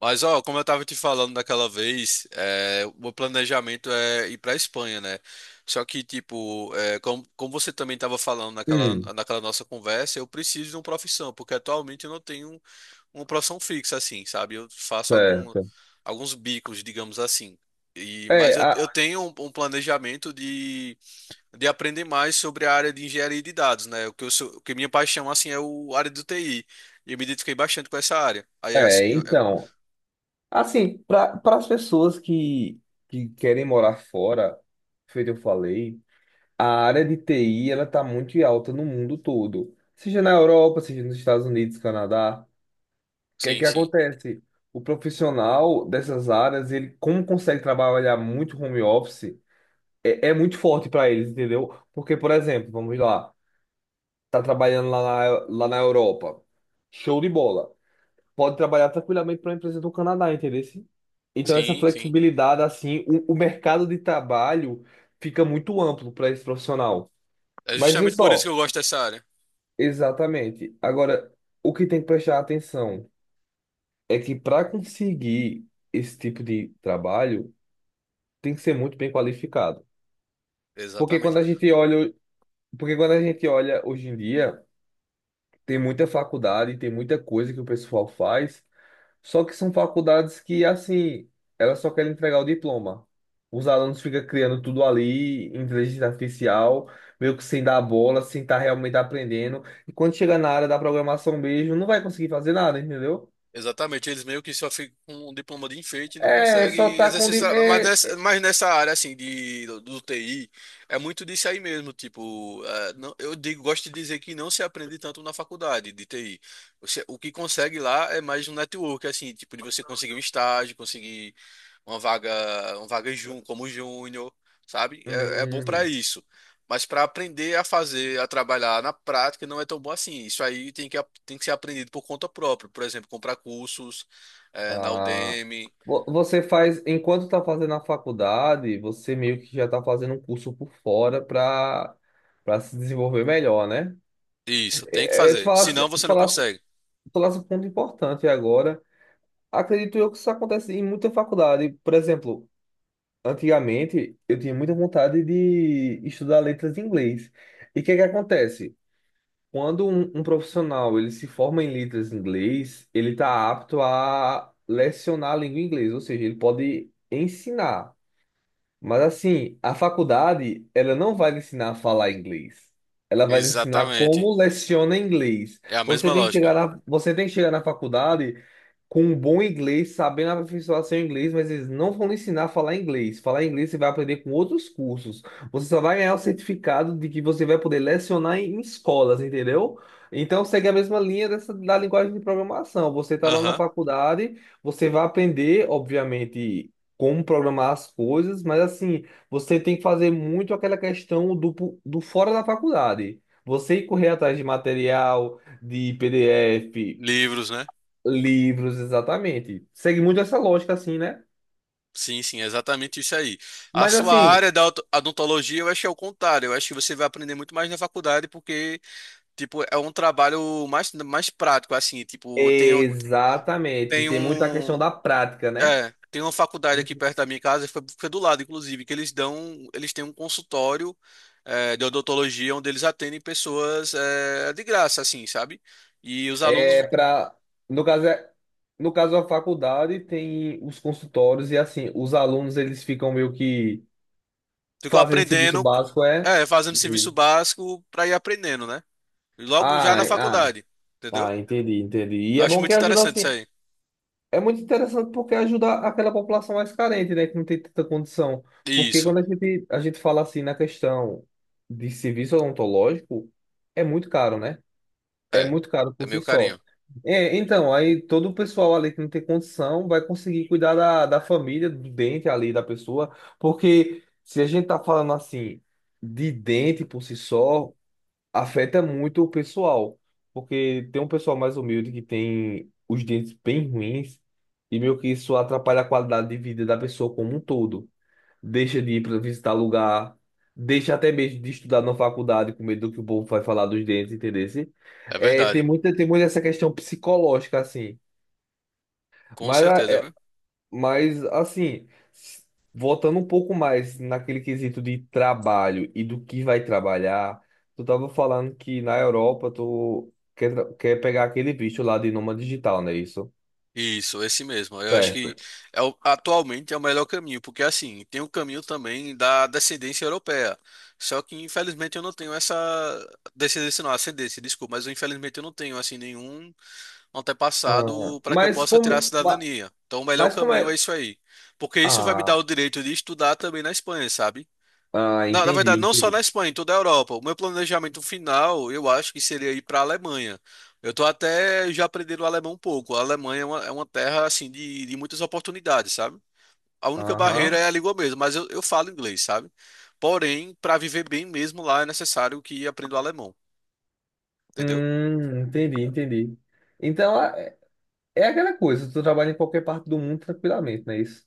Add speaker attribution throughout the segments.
Speaker 1: Mas, ó, como eu tava te falando daquela vez, o meu planejamento é ir pra Espanha, né? Só que, tipo, como, você também tava falando
Speaker 2: Hum,
Speaker 1: naquela nossa conversa, eu preciso de uma profissão, porque atualmente eu não tenho uma profissão fixa, assim, sabe?
Speaker 2: certo.
Speaker 1: Alguns bicos, digamos assim. Mas
Speaker 2: É,
Speaker 1: eu
Speaker 2: a-
Speaker 1: tenho um planejamento de aprender mais sobre a área de engenharia de dados, né? O que minha paixão, assim, é o a área do TI. E eu me identifiquei bastante com essa área. Aí acho
Speaker 2: é,
Speaker 1: que... eu- é-
Speaker 2: então, assim, para as pessoas que querem morar fora, feito eu falei, a área de TI ela tá muito em alta no mundo todo, seja na Europa, seja nos Estados Unidos, Canadá. O que é
Speaker 1: Sim,
Speaker 2: que
Speaker 1: sim.
Speaker 2: acontece? O profissional dessas áreas, ele como consegue trabalhar muito home office, é muito forte para eles, entendeu? Porque, por exemplo, vamos lá, tá trabalhando lá na Europa, show de bola. Pode trabalhar tranquilamente para uma empresa do Canadá, entendeu? Então, essa
Speaker 1: Sim, sim.
Speaker 2: flexibilidade, assim, o mercado de trabalho fica muito amplo para esse profissional.
Speaker 1: É
Speaker 2: Mas vê
Speaker 1: justamente por isso que
Speaker 2: só,
Speaker 1: eu gosto dessa área.
Speaker 2: exatamente. Agora, o que tem que prestar atenção é que para conseguir esse tipo de trabalho, tem que ser muito bem qualificado. Porque
Speaker 1: Exatamente.
Speaker 2: quando a gente olha, Porque quando a gente olha hoje em dia, tem muita faculdade, tem muita coisa que o pessoal faz. Só que são faculdades que, assim, elas só querem entregar o diploma. Os alunos ficam criando tudo ali, inteligência artificial, meio que sem dar bola, sem estar realmente aprendendo. E quando chega na área da programação mesmo, não vai conseguir fazer nada, entendeu?
Speaker 1: Exatamente. Eles meio que só ficam com um diploma de enfeite e não
Speaker 2: É, só
Speaker 1: conseguem
Speaker 2: tá com.
Speaker 1: exercer. Mas nessa área, assim, do TI, é muito disso aí mesmo. Tipo, eu digo, gosto de dizer que não se aprende tanto na faculdade de TI. Você, o que consegue lá é mais um network, assim, tipo, de você conseguir um estágio, conseguir uma vaga, como júnior, sabe? É, é bom para
Speaker 2: Hum,
Speaker 1: isso. Mas para aprender a fazer, a trabalhar na prática, não é tão bom assim. Isso aí tem que ser aprendido por conta própria. Por exemplo, comprar cursos, na
Speaker 2: ah.
Speaker 1: Udemy.
Speaker 2: Você faz, enquanto tá fazendo a faculdade, você meio que já tá fazendo um curso por fora para para se desenvolver melhor, né?
Speaker 1: Isso, tem que
Speaker 2: É, te
Speaker 1: fazer.
Speaker 2: falar,
Speaker 1: Senão você não
Speaker 2: tu
Speaker 1: consegue.
Speaker 2: traz um ponto importante agora. Acredito eu que isso acontece em muita faculdade. Por exemplo, antigamente eu tinha muita vontade de estudar letras em inglês. E o que é que acontece? Quando um profissional ele se forma em letras em inglês, ele está apto a lecionar a língua inglesa, ou seja, ele pode ensinar. Mas assim, a faculdade, ela não vai lhe ensinar a falar inglês. Ela vai lhe ensinar
Speaker 1: Exatamente.
Speaker 2: como leciona inglês.
Speaker 1: É a mesma lógica.
Speaker 2: Você tem que chegar na faculdade com um bom inglês, sabendo aperfeiçoar seu inglês, mas eles não vão lhe ensinar a falar inglês. Falar inglês você vai aprender com outros cursos. Você só vai ganhar o certificado de que você vai poder lecionar em escolas, entendeu? Então segue a mesma linha dessa, da linguagem de programação. Você está lá na
Speaker 1: Aham.
Speaker 2: faculdade, você vai aprender, obviamente como programar as coisas, mas assim, você tem que fazer muito aquela questão do fora da faculdade. Você ir correr atrás de material, de PDF,
Speaker 1: Livros, né?
Speaker 2: livros, exatamente. Segue muito essa lógica, assim, né?
Speaker 1: Sim, sim, é exatamente isso aí. A
Speaker 2: Mas
Speaker 1: sua
Speaker 2: assim,
Speaker 1: área da odontologia, eu acho que é o contrário. Eu acho que você vai aprender muito mais na faculdade, porque tipo, é um trabalho mais prático, assim. Tipo,
Speaker 2: exatamente,
Speaker 1: tenho
Speaker 2: tem muito a questão
Speaker 1: um.
Speaker 2: da prática, né?
Speaker 1: É, tem uma faculdade aqui
Speaker 2: Uhum.
Speaker 1: perto da minha casa, foi do lado, inclusive, que eles dão. Eles têm um consultório de odontologia onde eles atendem pessoas de graça, assim, sabe? E os alunos
Speaker 2: É para, no caso, é- No caso, a faculdade tem os consultórios e assim, os alunos eles ficam meio que
Speaker 1: ficam
Speaker 2: fazendo serviço
Speaker 1: aprendendo,
Speaker 2: básico, é.
Speaker 1: é, fazendo serviço
Speaker 2: Uhum.
Speaker 1: básico para ir aprendendo, né? E logo já
Speaker 2: Ah,
Speaker 1: na
Speaker 2: ah.
Speaker 1: faculdade, entendeu?
Speaker 2: Ah, entendi, entendi. E
Speaker 1: Eu
Speaker 2: é
Speaker 1: acho
Speaker 2: bom que
Speaker 1: muito
Speaker 2: ajuda
Speaker 1: interessante
Speaker 2: assim.
Speaker 1: isso aí.
Speaker 2: É muito interessante porque ajuda aquela população mais carente, né, que não tem tanta condição. Porque
Speaker 1: Isso,
Speaker 2: quando a gente fala assim na questão de serviço odontológico, é muito caro, né? É
Speaker 1: é.
Speaker 2: muito caro
Speaker 1: É
Speaker 2: por si
Speaker 1: meio
Speaker 2: só.
Speaker 1: carinho.
Speaker 2: É, então, aí todo o pessoal ali que não tem condição vai conseguir cuidar da família, do dente ali da pessoa, porque se a gente tá falando assim de dente por si só, afeta muito o pessoal, porque tem um pessoal mais humilde que tem os dentes bem ruins e meio que isso atrapalha a qualidade de vida da pessoa como um todo. Deixa de ir para visitar lugar, deixa até mesmo de estudar na faculdade com medo do que o povo vai falar dos dentes, entendeu?
Speaker 1: É
Speaker 2: É, tem
Speaker 1: verdade.
Speaker 2: muita, tem muita essa questão psicológica assim.
Speaker 1: Com
Speaker 2: Mas ah,
Speaker 1: certeza, viu?
Speaker 2: mas, assim, s- Voltando um pouco mais naquele quesito de trabalho e do que vai trabalhar, tu tava falando que na Europa tu quer pegar aquele visto lá de nômade digital, não é isso?
Speaker 1: Isso, esse mesmo. Eu acho
Speaker 2: Certo.
Speaker 1: que atualmente é o melhor caminho, porque assim, tem o caminho também da descendência europeia. Só que infelizmente eu não tenho essa descendência, não, ascendência, desculpa, mas infelizmente eu não tenho assim nenhum
Speaker 2: Ah,
Speaker 1: antepassado para que eu
Speaker 2: mas
Speaker 1: possa tirar a
Speaker 2: como, ma-
Speaker 1: cidadania. Então o melhor
Speaker 2: mas como é?
Speaker 1: caminho é isso aí, porque isso vai me dar
Speaker 2: Ah,
Speaker 1: o direito de estudar também na Espanha, sabe?
Speaker 2: ah,
Speaker 1: Na
Speaker 2: entendi,
Speaker 1: verdade, não só
Speaker 2: entendi.
Speaker 1: na Espanha, em toda a Europa. O meu planejamento final, eu acho que seria ir para a Alemanha. Eu tô até já aprendendo o alemão um pouco. A Alemanha é uma terra, assim, de muitas oportunidades, sabe? A única
Speaker 2: Aham.
Speaker 1: barreira é a língua mesmo, mas eu falo inglês, sabe? Porém, para viver bem mesmo lá é necessário que aprenda o alemão, entendeu?
Speaker 2: Entendi, entendi. Então, é aquela coisa, tu trabalha em qualquer parte do mundo tranquilamente, não é isso?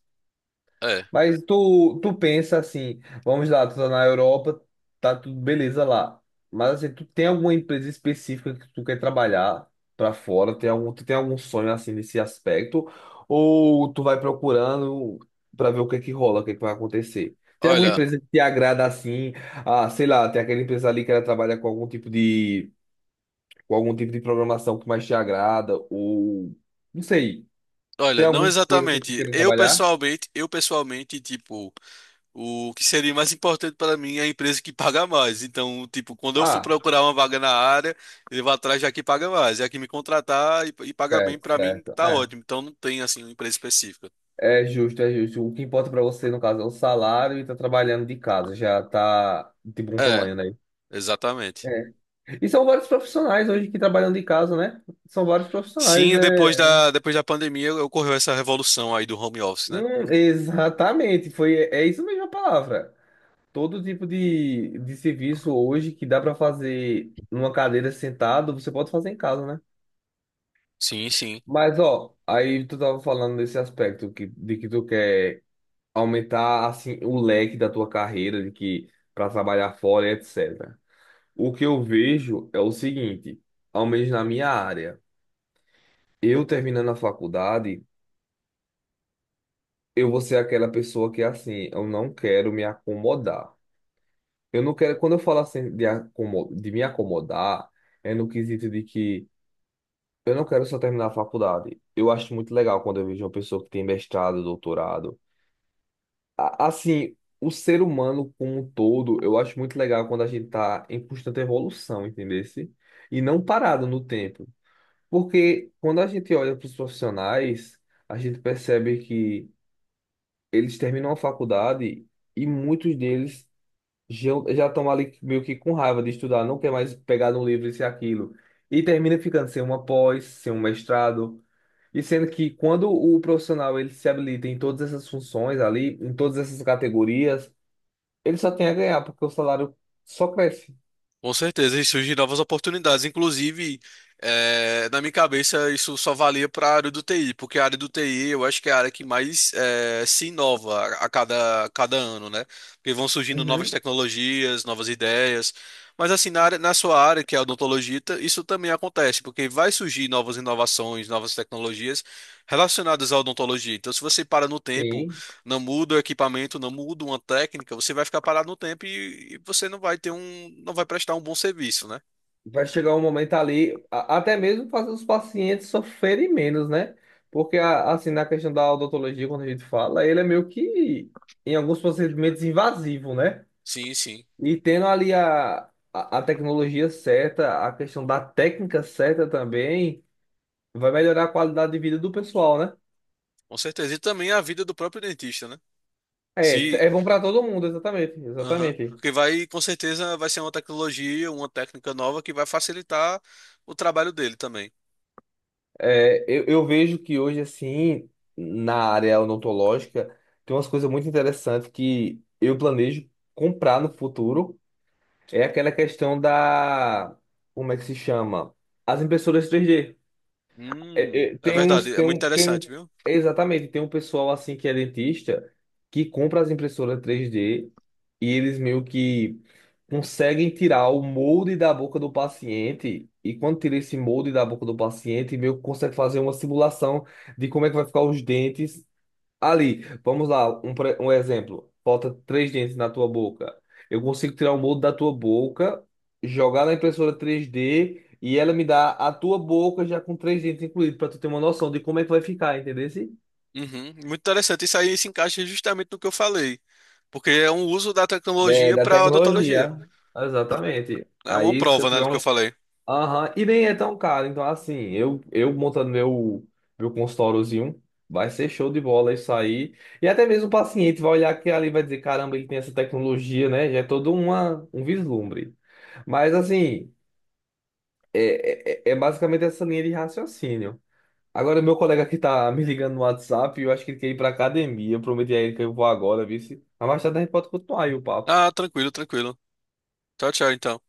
Speaker 1: É.
Speaker 2: Mas tu pensa assim, vamos lá, tu tá na Europa, tá tudo beleza lá. Mas assim, tu tem alguma empresa específica que tu quer trabalhar pra fora? Tu tem algum sonho assim nesse aspecto? Ou tu vai procurando pra ver o que é que rola, o que é que vai acontecer? Tem alguma
Speaker 1: Olha,
Speaker 2: empresa que te agrada assim? Ah, sei lá, tem aquela empresa ali que ela trabalha com algum tipo de programação que mais te agrada? Ou não sei, tem
Speaker 1: não
Speaker 2: alguma coisa assim que tu
Speaker 1: exatamente.
Speaker 2: quer trabalhar?
Speaker 1: Eu pessoalmente, tipo, o que seria mais importante para mim é a empresa que paga mais. Então, tipo, quando eu for
Speaker 2: Ah,
Speaker 1: procurar uma vaga na área, ele vai atrás da que paga mais. É a que me contratar e pagar bem
Speaker 2: certo,
Speaker 1: para mim,
Speaker 2: certo.
Speaker 1: tá
Speaker 2: É.
Speaker 1: ótimo. Então, não tem assim uma empresa específica.
Speaker 2: É justo, é justo. O que importa pra você, no caso, é o salário e tá trabalhando de casa, já tá de bom
Speaker 1: É,
Speaker 2: tamanho, né?
Speaker 1: exatamente.
Speaker 2: É. E são vários profissionais hoje que trabalham de casa, né? São vários profissionais,
Speaker 1: Sim,
Speaker 2: é.
Speaker 1: depois da pandemia ocorreu essa revolução aí do home office, né?
Speaker 2: Exatamente, foi, é isso mesmo a palavra. Todo tipo de serviço hoje que dá pra fazer numa cadeira sentado, você pode fazer em casa, né?
Speaker 1: Sim, sim.
Speaker 2: Mas, ó, aí tu tava falando desse aspecto de que tu quer aumentar assim o leque da tua carreira de que para trabalhar fora, etc. O que eu vejo é o seguinte, ao menos na minha área, eu terminando a faculdade, eu vou ser aquela pessoa que assim, eu não quero me acomodar. Eu não quero, quando eu falo assim de me acomodar, é no quesito de que eu não quero só terminar a faculdade. Eu acho muito legal quando eu vejo uma pessoa que tem mestrado, doutorado, Assim, o ser humano como um todo, eu acho muito legal quando a gente tá em constante evolução, entendesse? E não parado no tempo. Porque quando a gente olha para os profissionais, a gente percebe que eles terminam a faculdade e muitos deles já já estão ali meio que com raiva de estudar, não quer mais pegar no livro isso e aquilo. E termina ficando sem uma pós, sem um mestrado. E sendo que quando o profissional ele se habilita em todas essas funções ali, em todas essas categorias, ele só tem a ganhar, porque o salário só cresce.
Speaker 1: Com certeza, e surgem novas oportunidades. Inclusive, na minha cabeça, isso só valia para a área do TI, porque a área do TI eu acho que é a área que mais se inova a cada ano, né? Porque vão surgindo novas
Speaker 2: Uhum.
Speaker 1: tecnologias, novas ideias. Mas assim, na sua área, que é a odontologia, isso também acontece, porque vai surgir novas inovações, novas tecnologias relacionadas à odontologia. Então, se você para no tempo
Speaker 2: Sim.
Speaker 1: não muda o equipamento, não muda uma técnica, você vai ficar parado no tempo e você não vai ter não vai prestar um bom serviço, né?
Speaker 2: Vai chegar um momento ali, até mesmo fazer os pacientes sofrerem menos, né? Porque, assim, na questão da odontologia, quando a gente fala, ele é meio que, em alguns procedimentos, invasivo, né?
Speaker 1: Sim, sim,
Speaker 2: E tendo ali a tecnologia certa, a questão da técnica certa também, vai melhorar a qualidade de vida do pessoal, né?
Speaker 1: com certeza. E também a vida do próprio dentista, né? Se,
Speaker 2: É, é bom para todo mundo, exatamente,
Speaker 1: aham,
Speaker 2: exatamente.
Speaker 1: porque vai, com certeza, vai ser uma tecnologia, uma técnica nova que vai facilitar o trabalho dele também.
Speaker 2: É, eu vejo que hoje, assim, na área odontológica, tem umas coisas muito interessantes que eu planejo comprar no futuro. É aquela questão da. Como é que se chama? As impressoras 3D. É,
Speaker 1: É
Speaker 2: tem uns,
Speaker 1: verdade, é muito
Speaker 2: tem um,
Speaker 1: interessante, viu?
Speaker 2: exatamente, tem um pessoal assim que é dentista que compra as impressoras 3D e eles meio que conseguem tirar o molde da boca do paciente e quando tira esse molde da boca do paciente, meio que consegue fazer uma simulação de como é que vai ficar os dentes. Ali, vamos lá, um exemplo. Falta três dentes na tua boca. Eu consigo tirar o molde da tua boca, jogar na impressora 3D e ela me dá a tua boca já com três dentes incluídos, para tu ter uma noção de como é que vai ficar, entendeu?
Speaker 1: Uhum, muito interessante. Isso aí se encaixa justamente no que eu falei, porque é um uso da
Speaker 2: É,
Speaker 1: tecnologia
Speaker 2: da
Speaker 1: para odontologia.
Speaker 2: tecnologia. Exatamente.
Speaker 1: É uma
Speaker 2: Aí, se eu
Speaker 1: prova, né,
Speaker 2: tiver
Speaker 1: do que eu
Speaker 2: um.
Speaker 1: falei.
Speaker 2: Aham. E nem é tão caro. Então, assim, eu montando meu consultóriozinho, vai ser show de bola isso aí. E até mesmo o paciente vai olhar aqui ali e vai dizer, caramba, ele tem essa tecnologia, né? Já é todo uma, um vislumbre. Mas, assim, é basicamente essa linha de raciocínio. Agora, meu colega aqui tá me ligando no WhatsApp, eu acho que ele quer ir pra academia. Eu prometi a ele que eu vou agora, viu? Mas mais tarde a gente pode continuar aí o papo.
Speaker 1: Ah, tranquilo, tranquilo. Tchau, tchau, então.